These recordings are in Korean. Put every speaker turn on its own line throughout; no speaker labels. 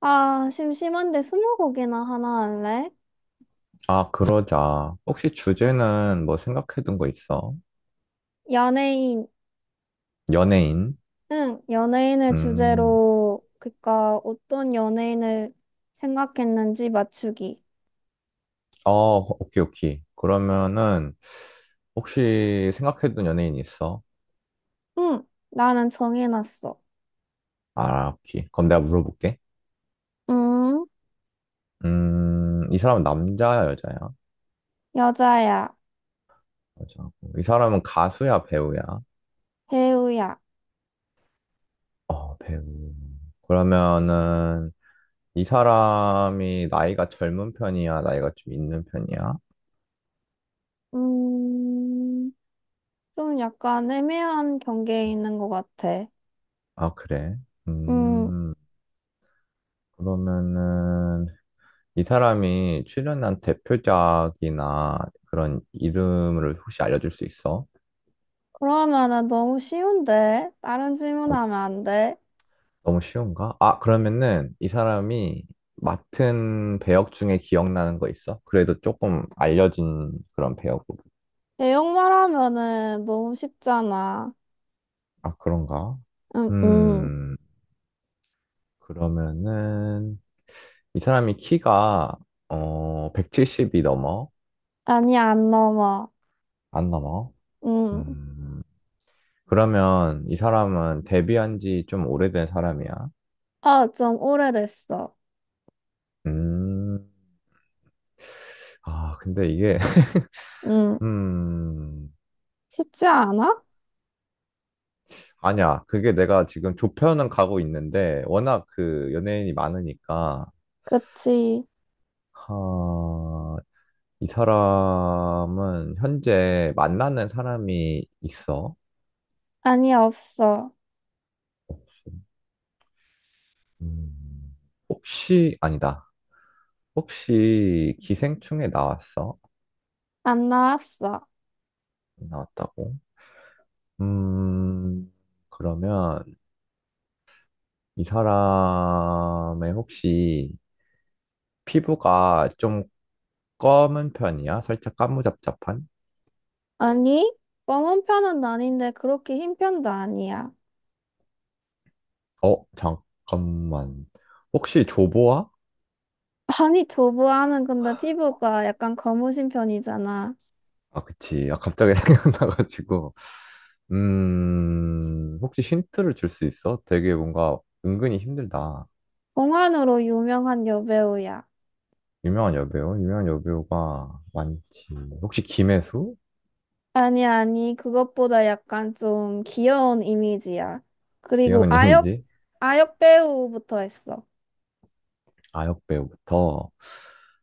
아, 심심한데 스무고개나 하나 할래?
아, 그러자. 혹시 주제는 뭐 생각해둔 거 있어?
연예인,
연예인?
응, 연예인을
음,
주제로, 그니까 어떤 연예인을 생각했는지 맞추기.
어, 오케이, 오케이. 그러면은, 혹시 생각해둔 연예인 있어?
응, 나는 정해놨어.
아, 오케이. 그럼 내가 물어볼게.
음,
이 사람은 남자야, 여자야?
여자야,
여자고. 이 사람은 가수야, 배우야?
배우야.
어, 배우. 그러면은, 이 사람이 나이가 젊은 편이야? 나이가 좀 있는 편이야?
음, 좀 약간 애매한 경계에 있는 것 같아.
아, 그래.
음,
음, 그러면은, 이 사람이 출연한 대표작이나 그런 이름을 혹시 알려줄 수 있어?
그러면은 너무 쉬운데? 다른
아,
질문하면 안 돼?
너무 쉬운가? 아, 그러면은 이 사람이 맡은 배역 중에 기억나는 거 있어? 그래도 조금 알려진 그런 배역으로.
내용 말하면은 너무 쉽잖아.
아, 그런가?
응, 응.
음, 그러면은 이 사람이 키가 어, 170이 넘어?
아니, 안 넘어.
안 넘어?
음.
음, 그러면 이 사람은 데뷔한 지 좀 오래된 사람이야?
어, 좀 오래됐어.
음, 아, 근데 이게,
음.
음,
쉽지 않아?
아니야. 그게 내가 지금 조편은 가고 있는데, 워낙 그 연예인이 많으니까,
그치.
하, 이 사람은 현재 만나는 사람이 있어.
아니, 없어.
혹시, 음, 혹시, 아니다. 혹시 기생충에 나왔어?
안 나왔어.
나왔다고? 음, 그러면 이 사람의 혹시 피부가 좀 검은 편이야? 살짝 까무잡잡한?
아니, 검은 편은 아닌데 그렇게 흰 편도 아니야.
어, 잠깐만. 혹시 조보아?
아니, 두부암은 근데 피부가 약간 검으신 편이잖아.
아, 그치. 아, 갑자기 생각나가지고. 혹시 힌트를 줄 수 있어? 되게 뭔가 은근히 힘들다.
봉환으로 유명한 여배우야.
유명한 여배우? 유명한 여배우가 많지. 혹시 김혜수?
아니, 그것보다 약간 좀 귀여운 이미지야. 그리고
김혜수
아역,
님이지?
아역 배우부터 했어.
아, 역배우부터.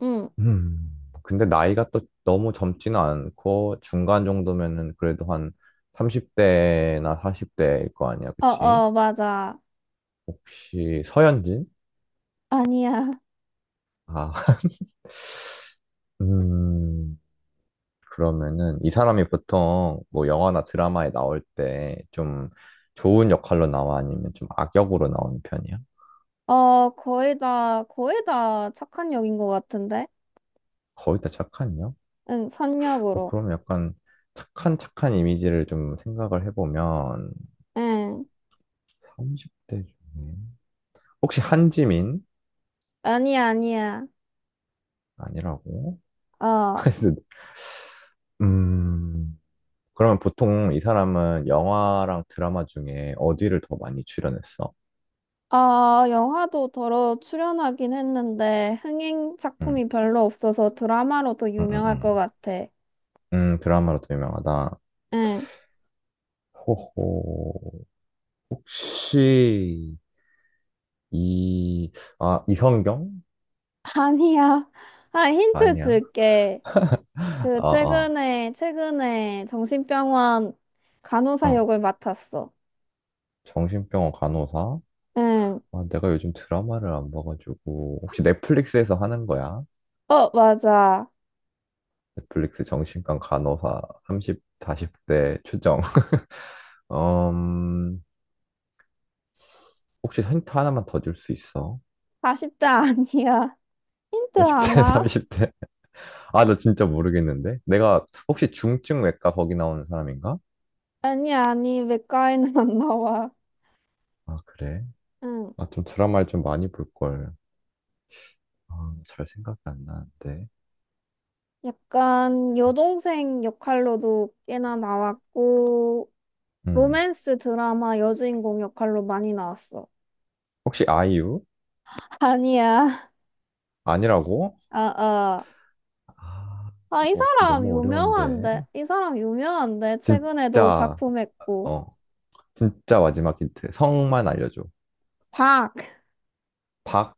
응.
음, 근데 나이가 또 너무 젊지는 않고 중간 정도면은 그래도 한 30대나 40대일 거 아니야,
어,
그치?
어, 맞아.
혹시 서현진?
아니야.
아, 음, 그러면은 이 사람이 보통 뭐 영화나 드라마에 나올 때 좀 좋은 역할로 나와 아니면 좀 악역으로 나오는 편이야?
어, 거의 다 착한 역인 것 같은데?
거의 다 착한 역?
응,
어,
선역으로.
그럼 약간 착한 이미지를 좀 생각을 해보면
응.
30대 중에 혹시 한지민?
아니야.
아니라고?
어,
그래서, 음, 그러면 보통 이 사람은 영화랑 드라마 중에 어디를 더 많이 출연했어?
어, 영화도 더러 출연하긴 했는데, 흥행
음,
작품이 별로 없어서 드라마로 더
음, 음,
유명할 것
음.
같아.
드라마로 더 유명하다.
응.
호호, 혹시, 이, 아, 이성경?
아니야. 아, 힌트
아니야.
줄게.
아,
그,
아,
최근에 정신병원 간호사
어.
역을 맡았어.
정신병원 간호사?
응.
아, 내가 요즘 드라마를 안 봐가지고, 혹시 넷플릭스에서 하는 거야?
어, 맞아.
넷플릭스 정신과 간호사 30, 40대 추정. 음, 혹시 힌트 하나만 더 줄 수 있어?
40대 아니야. 힌트
30대,
하나?
30대. 아, 나 진짜 모르겠는데? 내가 혹시 중증외과 거기 나오는 사람인가?
아니, 맥가에는 안 나와.
아, 그래?
응.
아, 좀 드라마를 좀 많이 볼걸. 아, 잘 생각이 안 나는데.
약간 여동생 역할로도 꽤나 나왔고,
음.
로맨스 드라마 여주인공 역할로 많이 나왔어.
혹시 아이유?
아니야.
아니라고?
아, 아.
아,
아, 이
이거 좀
사람
너무 어려운데.
유명한데? 이 사람 유명한데? 최근에도
진짜,
작품했고.
어, 진짜 마지막 힌트. 성만 알려줘.
박!
박,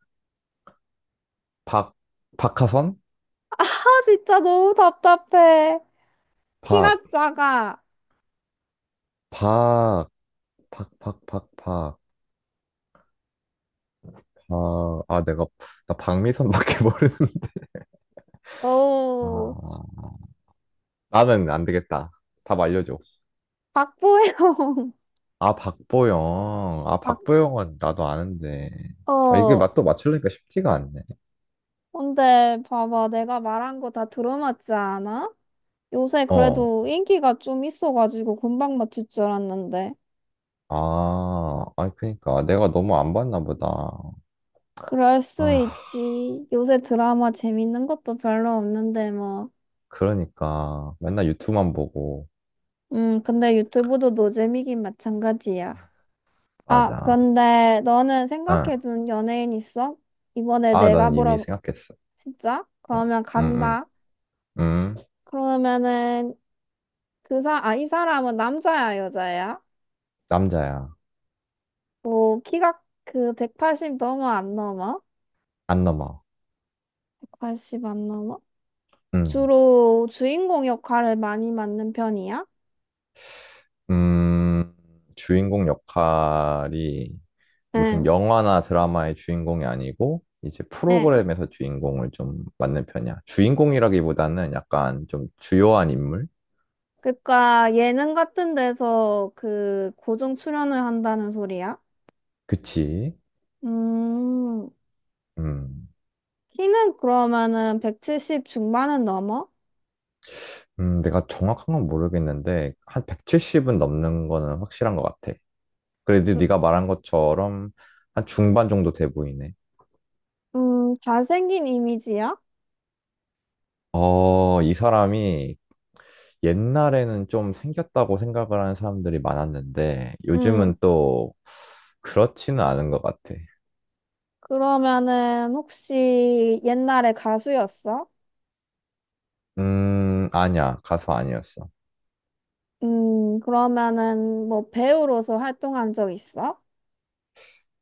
박, 박하선?
아, 진짜 너무 답답해.
박,
키가 작아.
박, 박. 아, 아, 내가, 나 박미선밖에 모르는.
어우,
아, 나는 안 되겠다. 답 알려줘.
박보영.
아, 박보영. 아,
박,
박보영은 나도 아는데. 아, 이게
어.
맛도 맞추려니까 쉽지가 않네.
근데 봐봐, 내가 말한 거 다 들어맞지 않아? 요새
어.
그래도 인기가 좀 있어가지고 금방 맞출 줄 알았는데.
아, 아니, 그니까. 내가 너무 안 봤나 보다.
그럴 수
아,
있지. 요새 드라마 재밌는 것도 별로 없는데 뭐.
그러니까. 맨날 유튜브만 보고.
근데 유튜브도 노잼이긴 마찬가지야. 아,
맞아.
근데 너는
응.
생각해둔 연예인 있어? 이번에
아,
내가
나는 이미
물어,
생각했어.
진짜?
응,
그러면
응, 응.
간다.
응.
그러면은 아, 이 사람은 남자야, 여자야?
남자야.
뭐 키가 그 180 넘어 안 넘어?
안 넘어.
180 안 넘어?
응.
주로 주인공 역할을 많이 맡는 편이야?
음, 주인공 역할이 무슨
응,
영화나 드라마의 주인공이 아니고 이제
응.
프로그램에서 주인공을 좀 맡는 편이야. 주인공이라기보다는 약간 좀 주요한 인물?
그러니까 예능 같은 데서 그 고정 출연을 한다는 소리야?
그치?
음,
음,
키는 그러면은 170 중반은 넘어?
내가 정확한 건 모르겠는데 한 170은 넘는 거는 확실한 것 같아. 그래도
음,
네가 말한 것처럼 한 중반 정도 돼 보이네.
잘생긴 이미지야?
어, 이 사람이 옛날에는 좀 생겼다고 생각을 하는 사람들이 많았는데
응.
요즘은 또 그렇지는 않은 것 같아.
그러면은 혹시 옛날에 가수였어?
아니야. 가수 아니었어.
그러면은 뭐 배우로서 활동한 적 있어?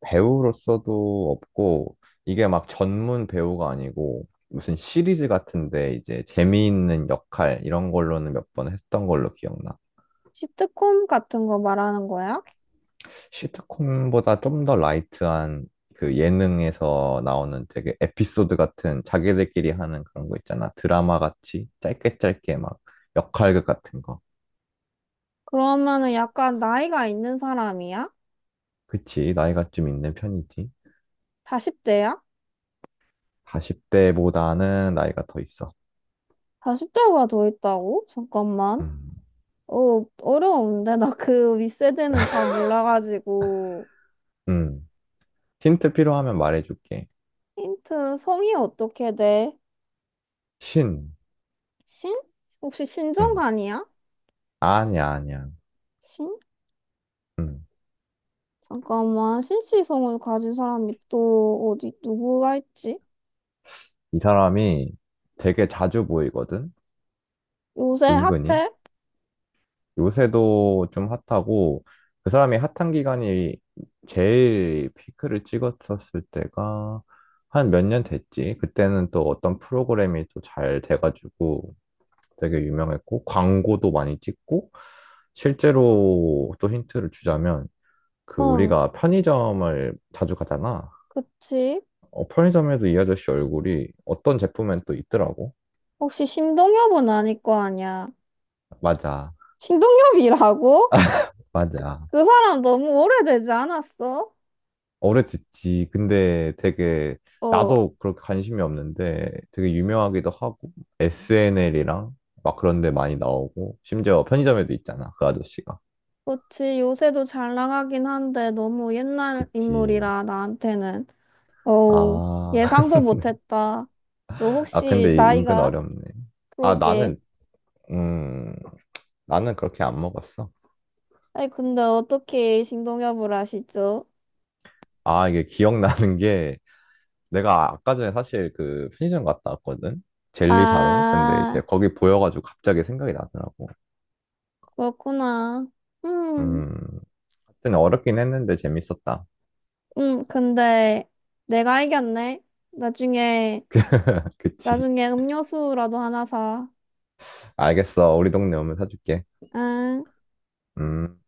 배우로서도 없고 이게 막 전문 배우가 아니고 무슨 시리즈 같은데 이제 재미있는 역할 이런 걸로는 몇 번 했던 걸로 기억나.
시트콤 같은 거 말하는 거야?
시트콤보다 좀 더 라이트한 그 예능에서 나오는 되게 에피소드 같은 자기들끼리 하는 그런 거 있잖아. 드라마 같이 짧게 막 역할극 같은 거.
그러면은 약간 나이가 있는 사람이야?
그치, 나이가 좀 있는 편이지.
40대야?
40대보다는 나이가 더 있어.
40대가 더 있다고? 잠깐만.
음,
어, 어려운데? 나 그 윗세대는 잘 몰라가지고.
음. 힌트 필요하면 말해줄게.
힌트, 성이 어떻게 돼?
신.
신? 혹시
음.
신정관이야?
아니야.
신?
음.
잠깐만. 신씨 성을 가진 사람이 또 어디, 누구가 있지?
이 사람이 되게 자주 보이거든?
요새
은근히.
핫해?
요새도 좀 핫하고 그 사람이 핫한 기간이 제일 피크를 찍었었을 때가 한 몇 년 됐지. 그때는 또 어떤 프로그램이 또 잘 돼가지고 되게 유명했고 광고도 많이 찍고 실제로 또 힌트를 주자면 그
응,
우리가 편의점을 자주 가잖아.
그치.
어, 편의점에도 이 아저씨 얼굴이 어떤 제품엔 또 있더라고.
혹시 신동엽은 아닐 거 아니야?
맞아,
신동엽이라고?
맞아.
그 사람 너무 오래되지 않았어?
오래 듣지. 근데 되게
어,
나도 그렇게 관심이 없는데 되게 유명하기도 하고 SNL이랑 막 그런 데 많이 나오고 심지어 편의점에도 있잖아. 그 아저씨가.
그렇지. 요새도 잘 나가긴 한데 너무 옛날
그치.
인물이라 나한테는. 어우,
아.
예상도 못했다. 너
아
혹시
근데 이- 은근
나이가?
어렵네. 아
그러게.
나는 음 나는 그렇게 안 먹었어.
아니, 근데 어떻게 신동엽을 아시죠?
아 이게 기억나는 게 내가 아까 전에 사실 그 편의점 갔다 왔거든. 젤리 사러. 근데 이제
아,
거기 보여가지고 갑자기 생각이 나더라고.
그렇구나. 음,
음. 하여튼 어렵긴 했는데 재밌었다.
근데 내가 이겼네. 나중에,
그치.
나중에 음료수라도 하나 사.
알겠어. 우리 동네 오면 사줄게.
응.
음.